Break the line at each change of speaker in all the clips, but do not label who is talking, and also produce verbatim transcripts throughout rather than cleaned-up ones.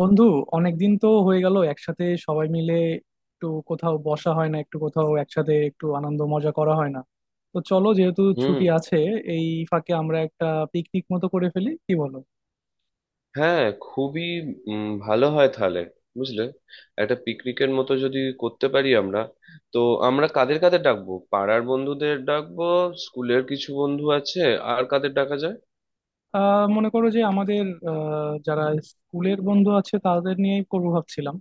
বন্ধু, অনেকদিন তো হয়ে গেল একসাথে সবাই মিলে একটু কোথাও বসা হয় না, একটু কোথাও একসাথে একটু আনন্দ মজা করা হয় না। তো চলো, যেহেতু
হুম।
ছুটি আছে এই ফাঁকে আমরা একটা পিকনিক মতো করে ফেলি, কি বলো?
হ্যাঁ, খুবই উম, ভালো হয় তাহলে। বুঝলে, একটা পিকনিকের মতো যদি করতে পারি আমরা। তো আমরা কাদের কাদের ডাকবো? পাড়ার বন্ধুদের ডাকবো, স্কুলের কিছু বন্ধু আছে, আর কাদের ডাকা যায়?
আহ মনে করো যে আমাদের আহ যারা স্কুলের বন্ধু আছে তাদের নিয়েই করবো ভাবছিলাম।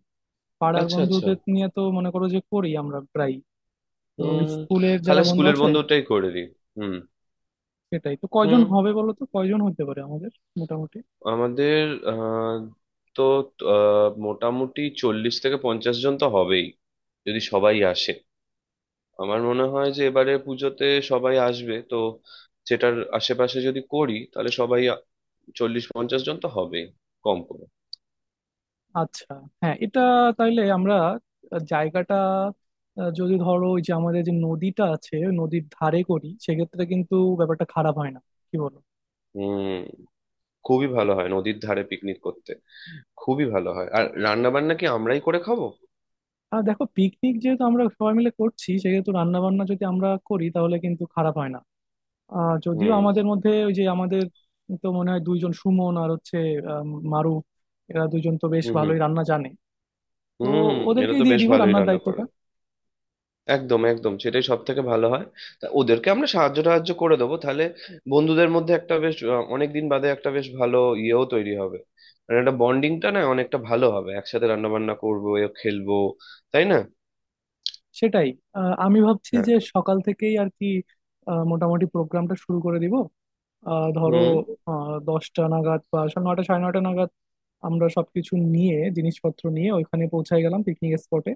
পাড়ার
আচ্ছা, আচ্ছা।
বন্ধুদের নিয়ে তো মনে করো যে করি আমরা প্রায়। তো
হুম।
স্কুলের যারা
তাহলে
বন্ধু
স্কুলের
আছে,
বন্ধুটাই করে দিই। হুম।
সেটাই তো। কয়জন
হুম।
হবে বলো তো, কয়জন হতে পারে আমাদের মোটামুটি?
আমাদের আহ, তো আহ, মোটামুটি চল্লিশ থেকে পঞ্চাশ জন তো হবেই, যদি সবাই আসে। আমার মনে হয় যে এবারে পুজোতে সবাই আসবে তো। সেটার আশেপাশে যদি করি তাহলে সবাই আ- চল্লিশ পঞ্চাশ জন তো হবে কম করে।
আচ্ছা, হ্যাঁ এটা তাইলে আমরা জায়গাটা আহ, যদি ধরো ওই যে আমাদের যে নদীটা আছে ওই নদীর ধারে করি, সেক্ষেত্রে কিন্তু ব্যাপারটা খারাপ হয় না, কি বলো?
হুম। খুবই ভালো হয় নদীর ধারে পিকনিক করতে। খুবই ভালো হয়। আর রান্না বান্না কি আমরাই করে খাবো?
আর দেখো, পিকনিক যেহেতু আমরা সবাই মিলে করছি সেহেতু রান্না বান্না যদি আমরা করি তাহলে কিন্তু খারাপ হয় না। আহ যদিও
হুম।
আমাদের মধ্যে ওই যে আমাদের তো মনে হয় দুইজন, সুমন আর হচ্ছে আহ, মারুফ, এরা দুইজন তো বেশ
হুম। হুম।
ভালোই রান্না জানে। তো
হুম। এরা
ওদেরকেই
তো
দিয়ে
বেশ
দিব
ভালোই
রান্নার
রান্না করে।
দায়িত্বটা।
একদম, একদম, সেটাই সব থেকে ভালো হয়। তা ওদেরকে আমরা সাহায্য টাহায্য করে দেবো তাহলে। বন্ধুদের মধ্যে একটা বেশ, অনেক দিন বাদে একটা বেশ ভালো ইয়েও তৈরি হবে। মানে একটা বন্ডিংটা না অনেকটা ভালো হবে, একসাথে রান্না বান্না করবো এ খেলবো, তাই না?
সেটাই। আহ, আমি ভাবছি
হ্যাঁ।
যে সকাল থেকেই আর কি, আহ, মোটামুটি প্রোগ্রামটা শুরু করে দিব। আহ, ধরো
হুম।
আহ, দশটা নাগাদ বা সা- নয়টা সাড়ে নয়টা নাগাদ আমরা সবকিছু নিয়ে জিনিসপত্র নিয়ে ওইখানে পৌঁছায় গেলাম পিকনিক স্পটে।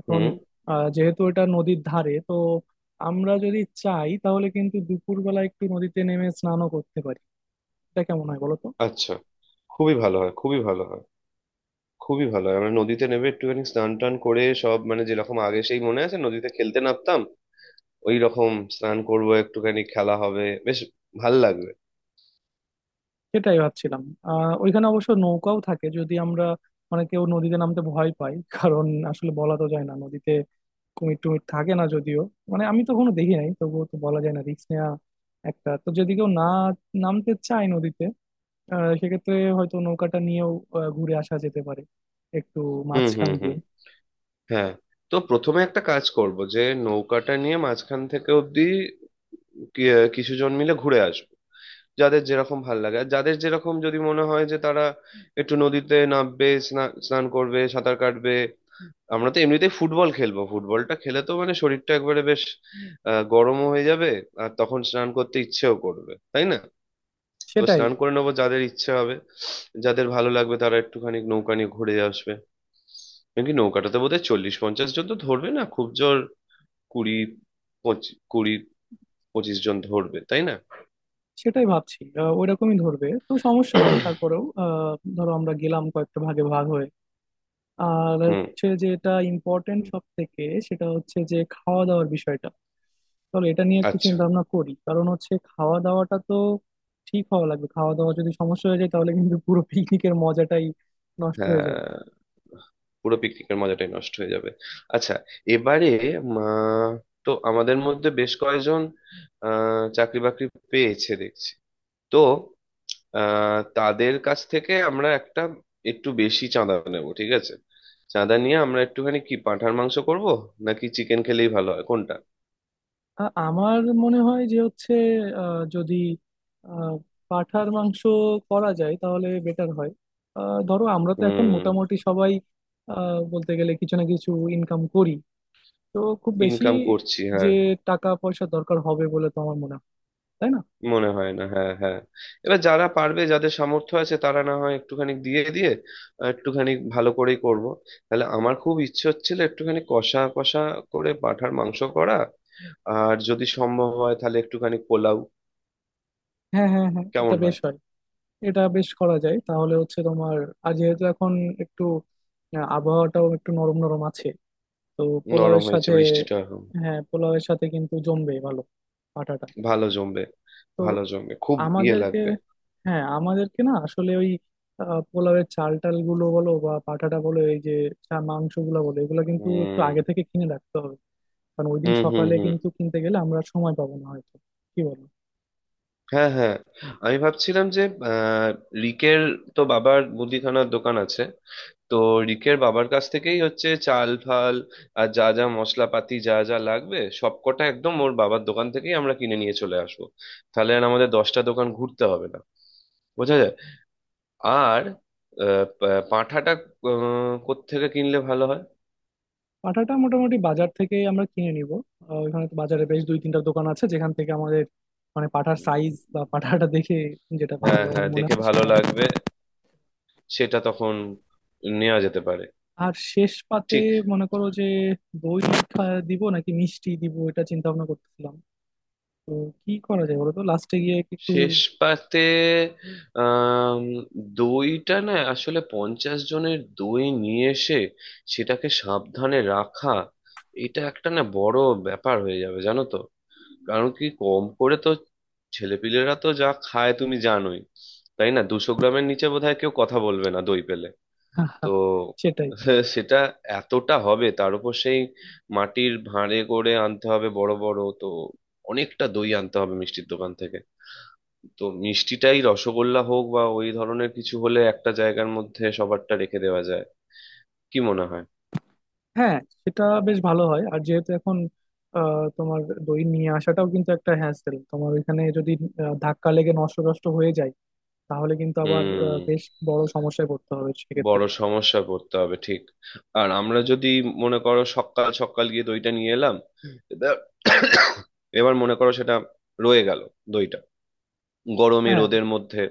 এখন
হুম।
আহ, যেহেতু এটা নদীর ধারে তো আমরা যদি চাই তাহলে কিন্তু দুপুরবেলা একটু নদীতে নেমে স্নানও করতে পারি। এটা কেমন হয় বলো তো?
আচ্ছা। খুবই ভালো হয়, খুবই ভালো হয়। খুবই ভালো হয়, আমরা নদীতে নেবে একটুখানি স্নান টান করে সব, মানে যেরকম আগে সেই মনে আছে নদীতে খেলতে নামতাম, ওই রকম স্নান করবো। একটুখানি খেলা হবে বেশ, ভাল লাগবে।
সেটাই ভাবছিলাম। আহ ওইখানে অবশ্য নৌকাও থাকে, যদি আমরা মানে কেউ নদীতে নামতে ভয় পায়, কারণ আসলে বলা তো যায় না, নদীতে কুমির টুমির থাকে না যদিও, মানে আমি তো কোনো দেখি নাই, তবুও তো বলা যায় না, রিস্ক নেওয়া। একটা তো যদি কেউ না নামতে চায় নদীতে, আহ, সেক্ষেত্রে হয়তো নৌকাটা নিয়েও আহ, ঘুরে আসা যেতে পারে একটু
হুম।
মাঝখান
হুম।
দিয়ে।
হুম। হ্যাঁ। তো প্রথমে একটা কাজ করব যে, নৌকাটা নিয়ে মাঝখান থেকে অব্দি কিছুজন মিলে ঘুরে আসবো। যাদের যেরকম ভাল লাগে, আর যাদের যেরকম যদি মনে হয় যে তারা একটু নদীতে নামবে, স্না- স্নান করবে, সাঁতার কাটবে। আমরা তো এমনিতেই ফুটবল খেলবো। ফুটবলটা খেলে তো মানে শরীরটা একবারে বেশ আহ, গরমও হয়ে যাবে, আর তখন স্নান করতে ইচ্ছেও করবে, তাই না? তো
সেটাই
স্নান করে নেবো যাদের ইচ্ছে হবে। যাদের ভালো লাগবে তারা একটুখানি নৌকা নিয়ে ঘুরে আসবে। নাকি নৌকাটাতে বোধহয় চল্লিশ পঞ্চাশ জন তো ধরবে না, খুব জোর কুড়ি পঁচিশ, কুড়ি পঁচিশ জন ধরবে, তাই না?
সেটাই ভাবছি। আহ, ওইরকমই ধরবে তো সমস্যা নাই, তারপরেও আহ, ধরো আমরা গেলাম কয়েকটা ভাগে ভাগ হয়ে। আর
হুম।
হচ্ছে যেটা ইম্পর্টেন্ট সব থেকে, সেটা হচ্ছে যে খাওয়া দাওয়ার বিষয়টা। চলো এটা নিয়ে একটু
আচ্ছা।
চিন্তা ভাবনা করি, কারণ হচ্ছে খাওয়া দাওয়াটা তো ঠিক হওয়া লাগবে। খাওয়া দাওয়া যদি সমস্যা হয়ে যায় তাহলে কিন্তু পুরো পিকনিকের মজাটাই নষ্ট হয়ে যাবে।
হ্যাঁ, পুরো পিকনিকের মজাটাই নষ্ট হয়ে যাবে। আচ্ছা, এবারে, মা, তো আমাদের মধ্যে বেশ কয়েকজন আহ চাকরি বাকরি পেয়েছে দেখছি। তো আহ তাদের কাছ থেকে আমরা একটা, একটু বেশি চাঁদা নেব, ঠিক আছে? চাঁদা নিয়ে আমরা একটুখানি কি পাঁঠার মাংস করব নাকি চিকেন খেলেই ভালো হয়, কোনটা?
আ- আমার মনে হয় যে হচ্ছে আহ, যদি আহ, পাঁঠার মাংস করা যায় তাহলে বেটার হয়। আহ, ধরো আমরা তো এখন
হুম।
মোটামুটি সবাই আহ, বলতে গেলে কিছু না কিছু ইনকাম করি। তো খুব বেশি
ইনকাম করছি,
যে
হ্যাঁ।
টাকা পয়সা দরকার হবে বলে তো আমার মনে হয়, তাই না?
মনে হয় না, হ্যাঁ, হ্যাঁ। এবার যারা পারবে, যাদের সামর্থ্য আছে তারা না হয় একটুখানি দিয়ে দিয়ে আহ, একটুখানি ভালো করেই করব। তাহলে আমার খুব ইচ্ছে হচ্ছিল একটুখানি কষা কষা করে পাঁঠার মাংস করা, আর যদি সম্ভব হয় তাহলে একটুখানি পোলাও।
হ্যাঁ হ্যাঁ হ্যাঁ, এটা
কেমন
বেশ
হয়?
হয়। এটা বেশ করা যায়, তাহলে হচ্ছে তোমার। আর যেহেতু এখন একটু আহ, আবহাওয়াটাও একটু নরম নরম আছে, তো
নরম
পোলাওয়ের
হয়েছে
সাথে।
বৃষ্টিটা এখন।
হ্যাঁ, পোলাওয়ের সাথে কিন্তু জমবে ভালো আটাটা।
ভালো জমবে।
তো
ভালো জমবে, খুব ইয়ে
আমাদেরকে,
লাগবে।
হ্যাঁ আমাদেরকে না আসলে ওই আহ, পোলাওয়ের চাল টাল গুলো বলো বা পাঠাটা বলো, এই যে মাংস গুলো বলো, এগুলো কিন্তু একটু
হুম।
আগে থেকে কিনে রাখতে হবে, কারণ ওই দিন
হুম। হুম।
সকালে
হুম।
কিন্তু কিনতে গেলে আমরা সময় পাবো না হয়তো, কি বলো?
হ্যাঁ। হ্যাঁ। আমি ভাবছিলাম যে আহ, রিকের তো বাবার মুদিখানার দোকান আছে। তো রিকের বাবার কাছ থেকেই হচ্ছে চাল ফাল আর যা যা মশলাপাতি যা যা লাগবে সবকটা একদম ওর বাবার দোকান থেকেই আমরা কিনে নিয়ে চলে আসবো। তাহলে আর আমাদের দশটা দোকান ঘুরতে হবে না, বোঝা যায়। আর আহ, পা- পাঁঠাটা আহ, কোত্থেকে কিনলে ভালো হয়?
পাঠাটা মোটামুটি বাজার থেকে আমরা কিনে নিব। আহ, ওখানে তো বাজারে বেশ দুই তিনটা দোকান আছে, যেখান থেকে আমাদের মানে পাঠার সাইজ
উম,
বা পাঠাটা দেখে যেটা ভালো
হ্যাঁ,
আমার
হ্যাঁ,
মনে
দেখে
হয়
ভালো
সেটা।
লাগবে। সেটা তখন নেওয়া যেতে পারে।
আর শেষ পাতে
ঠিক।
মনে করো যে দই খা- দিব নাকি মিষ্টি দিব, এটা চিন্তা ভাবনা করতেছিলাম। তো কি করা যায় বলো তো লাস্টে গিয়ে একটু?
শেষ পাতে, আম, দইটা না আসলে পঞ্চাশ জনের দই নিয়ে এসে সেটাকে সাবধানে রাখা, এটা একটা না বড় ব্যাপার হয়ে যাবে, জানো তো। কারণ কি, কম করে তো, ছেলেপিলেরা তো যা খায় তুমি জানোই, তাই না? দুশো গ্রামের নিচে বোধহয় কেউ কথা বলবে না দই পেলে। তো
সেটাই।
সেটা এতটা হবে, তার উপর সেই মাটির ভাঁড়ে করে আনতে হবে, বড় বড় তো অনেকটা দই আনতে হবে মিষ্টির দোকান থেকে। তো মিষ্টিটাই রসগোল্লা হোক বা ওই ধরনের কিছু হলে একটা জায়গার মধ্যে সবারটা রেখে দেওয়া যায়। কি মনে হয়?
হ্যাঁ, সেটা বেশ ভালো হয়। আর যেহেতু এখন আহ, তোমার দই নিয়ে আসাটাও কিন্তু একটা হ্যাসেল, তোমার ওইখানে যদি আহ, ধাক্কা লেগে নষ্ট নষ্ট হয়ে যায় তাহলে কিন্তু আবার আহ,
হুম।
বেশ বড় সমস্যায় পড়তে হবে সেক্ষেত্রে।
বড় সমস্যা করতে হবে, ঠিক। আর আমরা যদি মনে করো সকাল সকাল গিয়ে দইটা নিয়ে এলাম, এবার, এবার মনে করো সেটা রয়ে গেল দইটা গরমে
হ্যাঁ,
রোদের মধ্যে,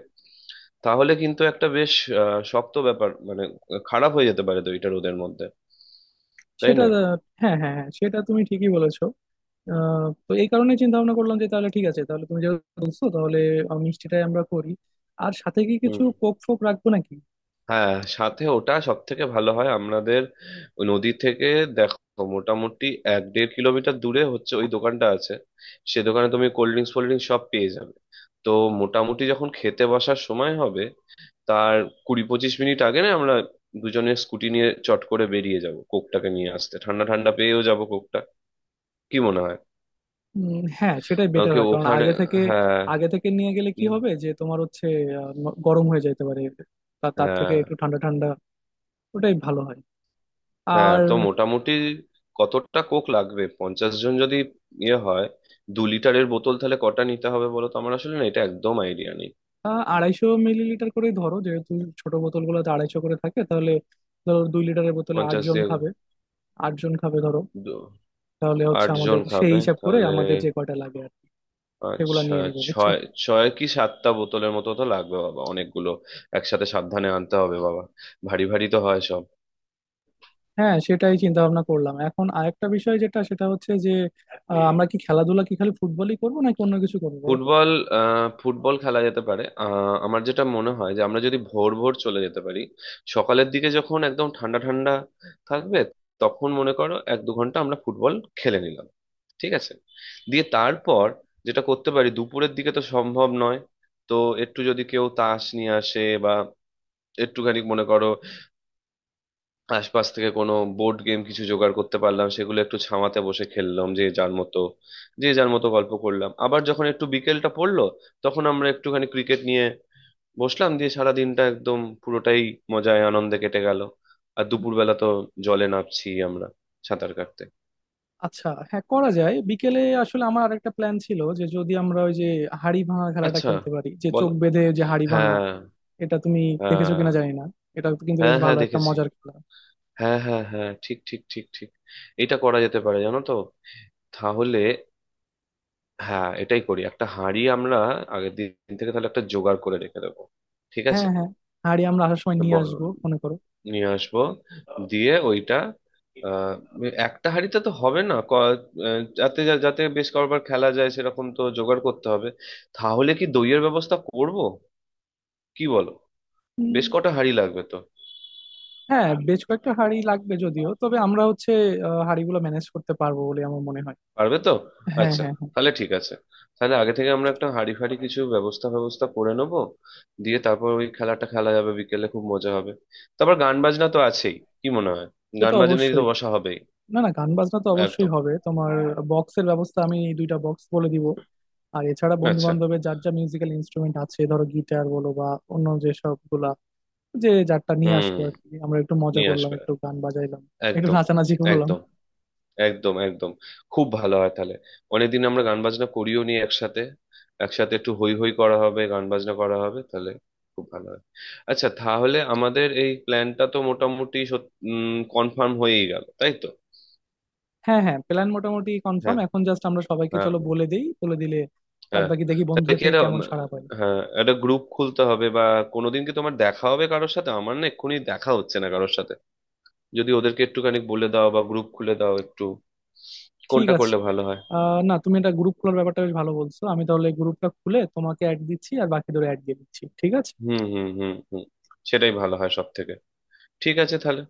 তাহলে কিন্তু একটা বেশ আহ, শক্ত ব্যাপার, মানে খারাপ হয়ে যেতে পারে দইটা রোদের মধ্যে, তাই
সেটা
না?
আহ, হ্যাঁ হ্যাঁ হ্যাঁ, সেটা তুমি ঠিকই বলেছো। আহ, তো এই কারণে চিন্তা ভাবনা করলাম যে তাহলে ঠিক আছে, তাহলে তুমি যেহেতু বলছো তাহলে আহ, মিষ্টিটাই আমরা করি। আর সাথে কি কিছু
হুম।
কোক ফোক রাখবো নাকি?
হ্যাঁ, সাথে ওটা সব থেকে ভালো হয় আমাদের। ওই নদী থেকে, দেখো, মোটামুটি এক দেড় কিলোমিটার দূরে হচ্ছে ওই দোকানটা আছে। সে দোকানে তুমি কোল্ড ড্রিঙ্কস ফোল্ড ড্রিঙ্কস সব পেয়ে যাবে। তো মোটামুটি যখন খেতে বসার সময় হবে, তার কুড়ি পঁচিশ মিনিট আগে না আমরা দুজনে স্কুটি নিয়ে চট করে বেরিয়ে যাব কোকটাকে নিয়ে আসতে, ঠান্ডা ঠান্ডা পেয়েও যাব কোকটা। কি মনে হয়?
উম, হ্যাঁ, সেটাই
আহ,
বেটার
কি
হয়, কারণ
ওখানে?
আগে থেকে
হ্যাঁ।
আগে থেকে নিয়ে গেলে কি
উম,
হবে যে তোমার হচ্ছে আহ, ন- গরম হয়ে যেতে পারে। তা- তার থেকে
হ্যাঁ,
একটু ঠান্ডা ঠান্ডা ওটাই ভালো হয়।
হ্যাঁ।
আর
তো মোটামুটি কতটা কোক লাগবে? পঞ্চাশ জন যদি ইয়ে হয়, দু লিটারের বোতল তাহলে কটা নিতে হবে বলো তো? আমার আসলে না এটা একদম আইডিয়া নেই।
আহ, আড়াইশো মিলিলিটার করেই ধরো, যেহেতু ছোট বোতলগুলোতে আড়াইশো করে থাকে। তাহলে ধরো দুই লিটারের বোতলে আট
পঞ্চাশ
জন
দিয়ে
খাবে। আট জন খাবে ধরো
দু-
তাহলে হচ্ছে
আট জন
আমাদের, সেই
খাবে
হিসাব করে
তাহলে।
আমাদের যে কয়টা লাগে আর সেগুলো
আচ্ছা।
নিয়ে নিবো, বুঝছো?
ছয়, ছয় কি সাতটা বোতলের মতো তো লাগবে, বাবা অনেকগুলো। একসাথে সাবধানে আনতে হবে, বাবা, ভারী ভারী তো হয় সব।
হ্যাঁ সেটাই চিন্তা ভাবনা করলাম। এখন আরেকটা বিষয় যেটা, সেটা হচ্ছে যে আহ, আমরা কি খেলাধুলা কি খালি ফুটবলই করবো নাকি অন্য কিছু করবো বলো তো?
ফুটবল, আহ, ফুটবল খেলা যেতে পারে। আহ, আমার যেটা মনে হয় যে আমরা যদি ভোর ভোর চলে যেতে পারি সকালের দিকে যখন একদম ঠান্ডা ঠান্ডা থাকবে, তখন মনে করো এক দু ঘন্টা আমরা ফুটবল খেলে নিলাম, ঠিক আছে? দিয়ে তারপর যেটা করতে পারি, দুপুরের দিকে তো সম্ভব নয়, তো একটু যদি কেউ তাস নিয়ে আসে বা একটুখানি মনে করো আশপাশ থেকে কোনো বোর্ড গেম কিছু জোগাড় করতে পারলাম, সেগুলো একটু ছামাতে বসে খেললাম যে যার মতো, যে যার মতো গল্প করলাম। আবার যখন একটু বিকেলটা পড়লো তখন আমরা একটুখানি ক্রিকেট নিয়ে বসলাম, দিয়ে সারা দিনটা একদম পুরোটাই মজায় আনন্দে কেটে গেল। আর দুপুরবেলা তো জলে নামছি আমরা সাঁতার কাটতে।
আচ্ছা হ্যাঁ, করা যায় বিকেলে। আসলে আমার আরেকটা প্ল্যান ছিল যে যদি আমরা ওই যে হাড়ি ভাঙা খেলাটা
আচ্ছা,
খেলতে পারি, যে চোখ
বলো,
বেঁধে যে হাড়ি ভাঙা,
হ্যাঁ।
এটা তুমি দেখেছো
হ্যাঁ,
কিনা জানি না। এটা কিন্তু বেশ
হ্যাঁ, হ্যাঁ
ভালো একটা
দেখেছি,
মজার খেলা।
হ্যাঁ, হ্যাঁ, হ্যাঁ, ঠিক, ঠিক, ঠিক, ঠিক। এটা করা যেতে পারে, জানো তো। তাহলে হ্যাঁ, এটাই করি। একটা হাঁড়ি আমরা আগের দিন থেকে তাহলে একটা জোগাড় করে রেখে দেবো, ঠিক
হ্যাঁ
আছে?
হ্যাঁ, হাঁড়ি আমরা আসার সময়
একটা
নিয়ে
বড়
আসবো, মনে করো।
নিয়ে আসবো। দিয়ে ওইটা আহ, একটা হাঁড়িতে তো হবে না, ক- আহ, যাতে যা- যাতে বেশ কয়েকবার খেলা যায় সেরকম তো জোগাড় করতে হবে। তাহলে কি দইয়ের ব্যবস্থা করব, কি বলো? বেশ কটা হাঁড়ি লাগবে তো।
হ্যাঁ, বেশ কয়েকটা হাঁড়ি লাগবে যদিও, তবে আমরা হচ্ছে আহ, হাঁড়িগুলো ম্যানেজ করতে পারবো বলে আমার মনে হয়।
পারবে তো?
হ্যাঁ
আচ্ছা,
হ্যাঁ হ্যাঁ।
তাহলে ঠিক আছে। তাহলে আগে থেকে আমরা একটা হাঁড়ি ফাঁড়ি কিছু ব্যবস্থা ব্যবস্থা করে নেবো। দিয়ে তারপর ওই খেলাটা খেলা যাবে বিকেলে, খুব মজা হবে। তারপর গান বাজনা তো আছেই, কি মনে হয়?
সে
গান
তো
বাজনা নিয়ে তো
অবশ্যই।
বসা হবেই।
না না, গান বাজনা তো অবশ্যই
একদম।
হবে তোমার। বক্সের ব্যবস্থা আমি, দুইটা বক্স বলে দিব। আর এছাড়া বন্ধু
আচ্ছা।
বান্ধবের যার যা মিউজিক্যাল ইনস্ট্রুমেন্ট আছে ধরো গিটার বলো বা অন্য যে সবগুলা, যে যারটা নিয়ে
হুম।
আসলো আর কি, আমরা একটু মজা
নিয়ে
করলাম,
আসবে।
একটু গান বাজাইলাম, একটু
একদম,
নাচানাচি করলাম।
একদম, একদম, একদম। খুব ভালো হয় তাহলে। অনেকদিন আমরা গান বাজনা করিও নি একসাথে। একসাথে একটু হই হই করা হবে, গান বাজনা করা হবে তাহলে, খুব ভালো হয়। আচ্ছা, তাহলে আমাদের এই প্ল্যানটা তো মোটামুটি কনফার্ম হয়েই গেল, তাই তো?
হ্যাঁ হ্যাঁ, প্ল্যান মোটামুটি কনফার্ম।
হ্যাঁ,
এখন জাস্ট আমরা সবাইকে
হ্যাঁ,
চলো বলে দেই, বলে দিলে বাদ
হ্যাঁ।
বাকি দেখি
তাহলে
বন্ধুদের
কি
থেকে
এটা
কেমন
উম,
সাড়া পাই।
হ্যাঁ, একটা গ্রুপ খুলতে হবে? বা কোনোদিন কি তোমার দেখা হবে কারোর সাথে? আমার না এক্ষুনি দেখা হচ্ছে না কারোর সাথে। যদি ওদেরকে একটুখানি বলে দাও বা গ্রুপ খুলে দাও একটু,
ঠিক
কোনটা
আছে,
করলে ভালো হয়?
আহ না, তুমি এটা গ্রুপ খোলার ব্যাপারটা বেশ ভালো বলছো। আমি তাহলে গ্রুপটা খুলে তোমাকে অ্যাড দিচ্ছি আর বাকিদের অ্যাড দিয়ে দিচ্ছি, ঠিক আছে?
হুম, হুম, হুম, হুম, সেটাই ভালো হয় সব থেকে। ঠিক আছে তাহলে।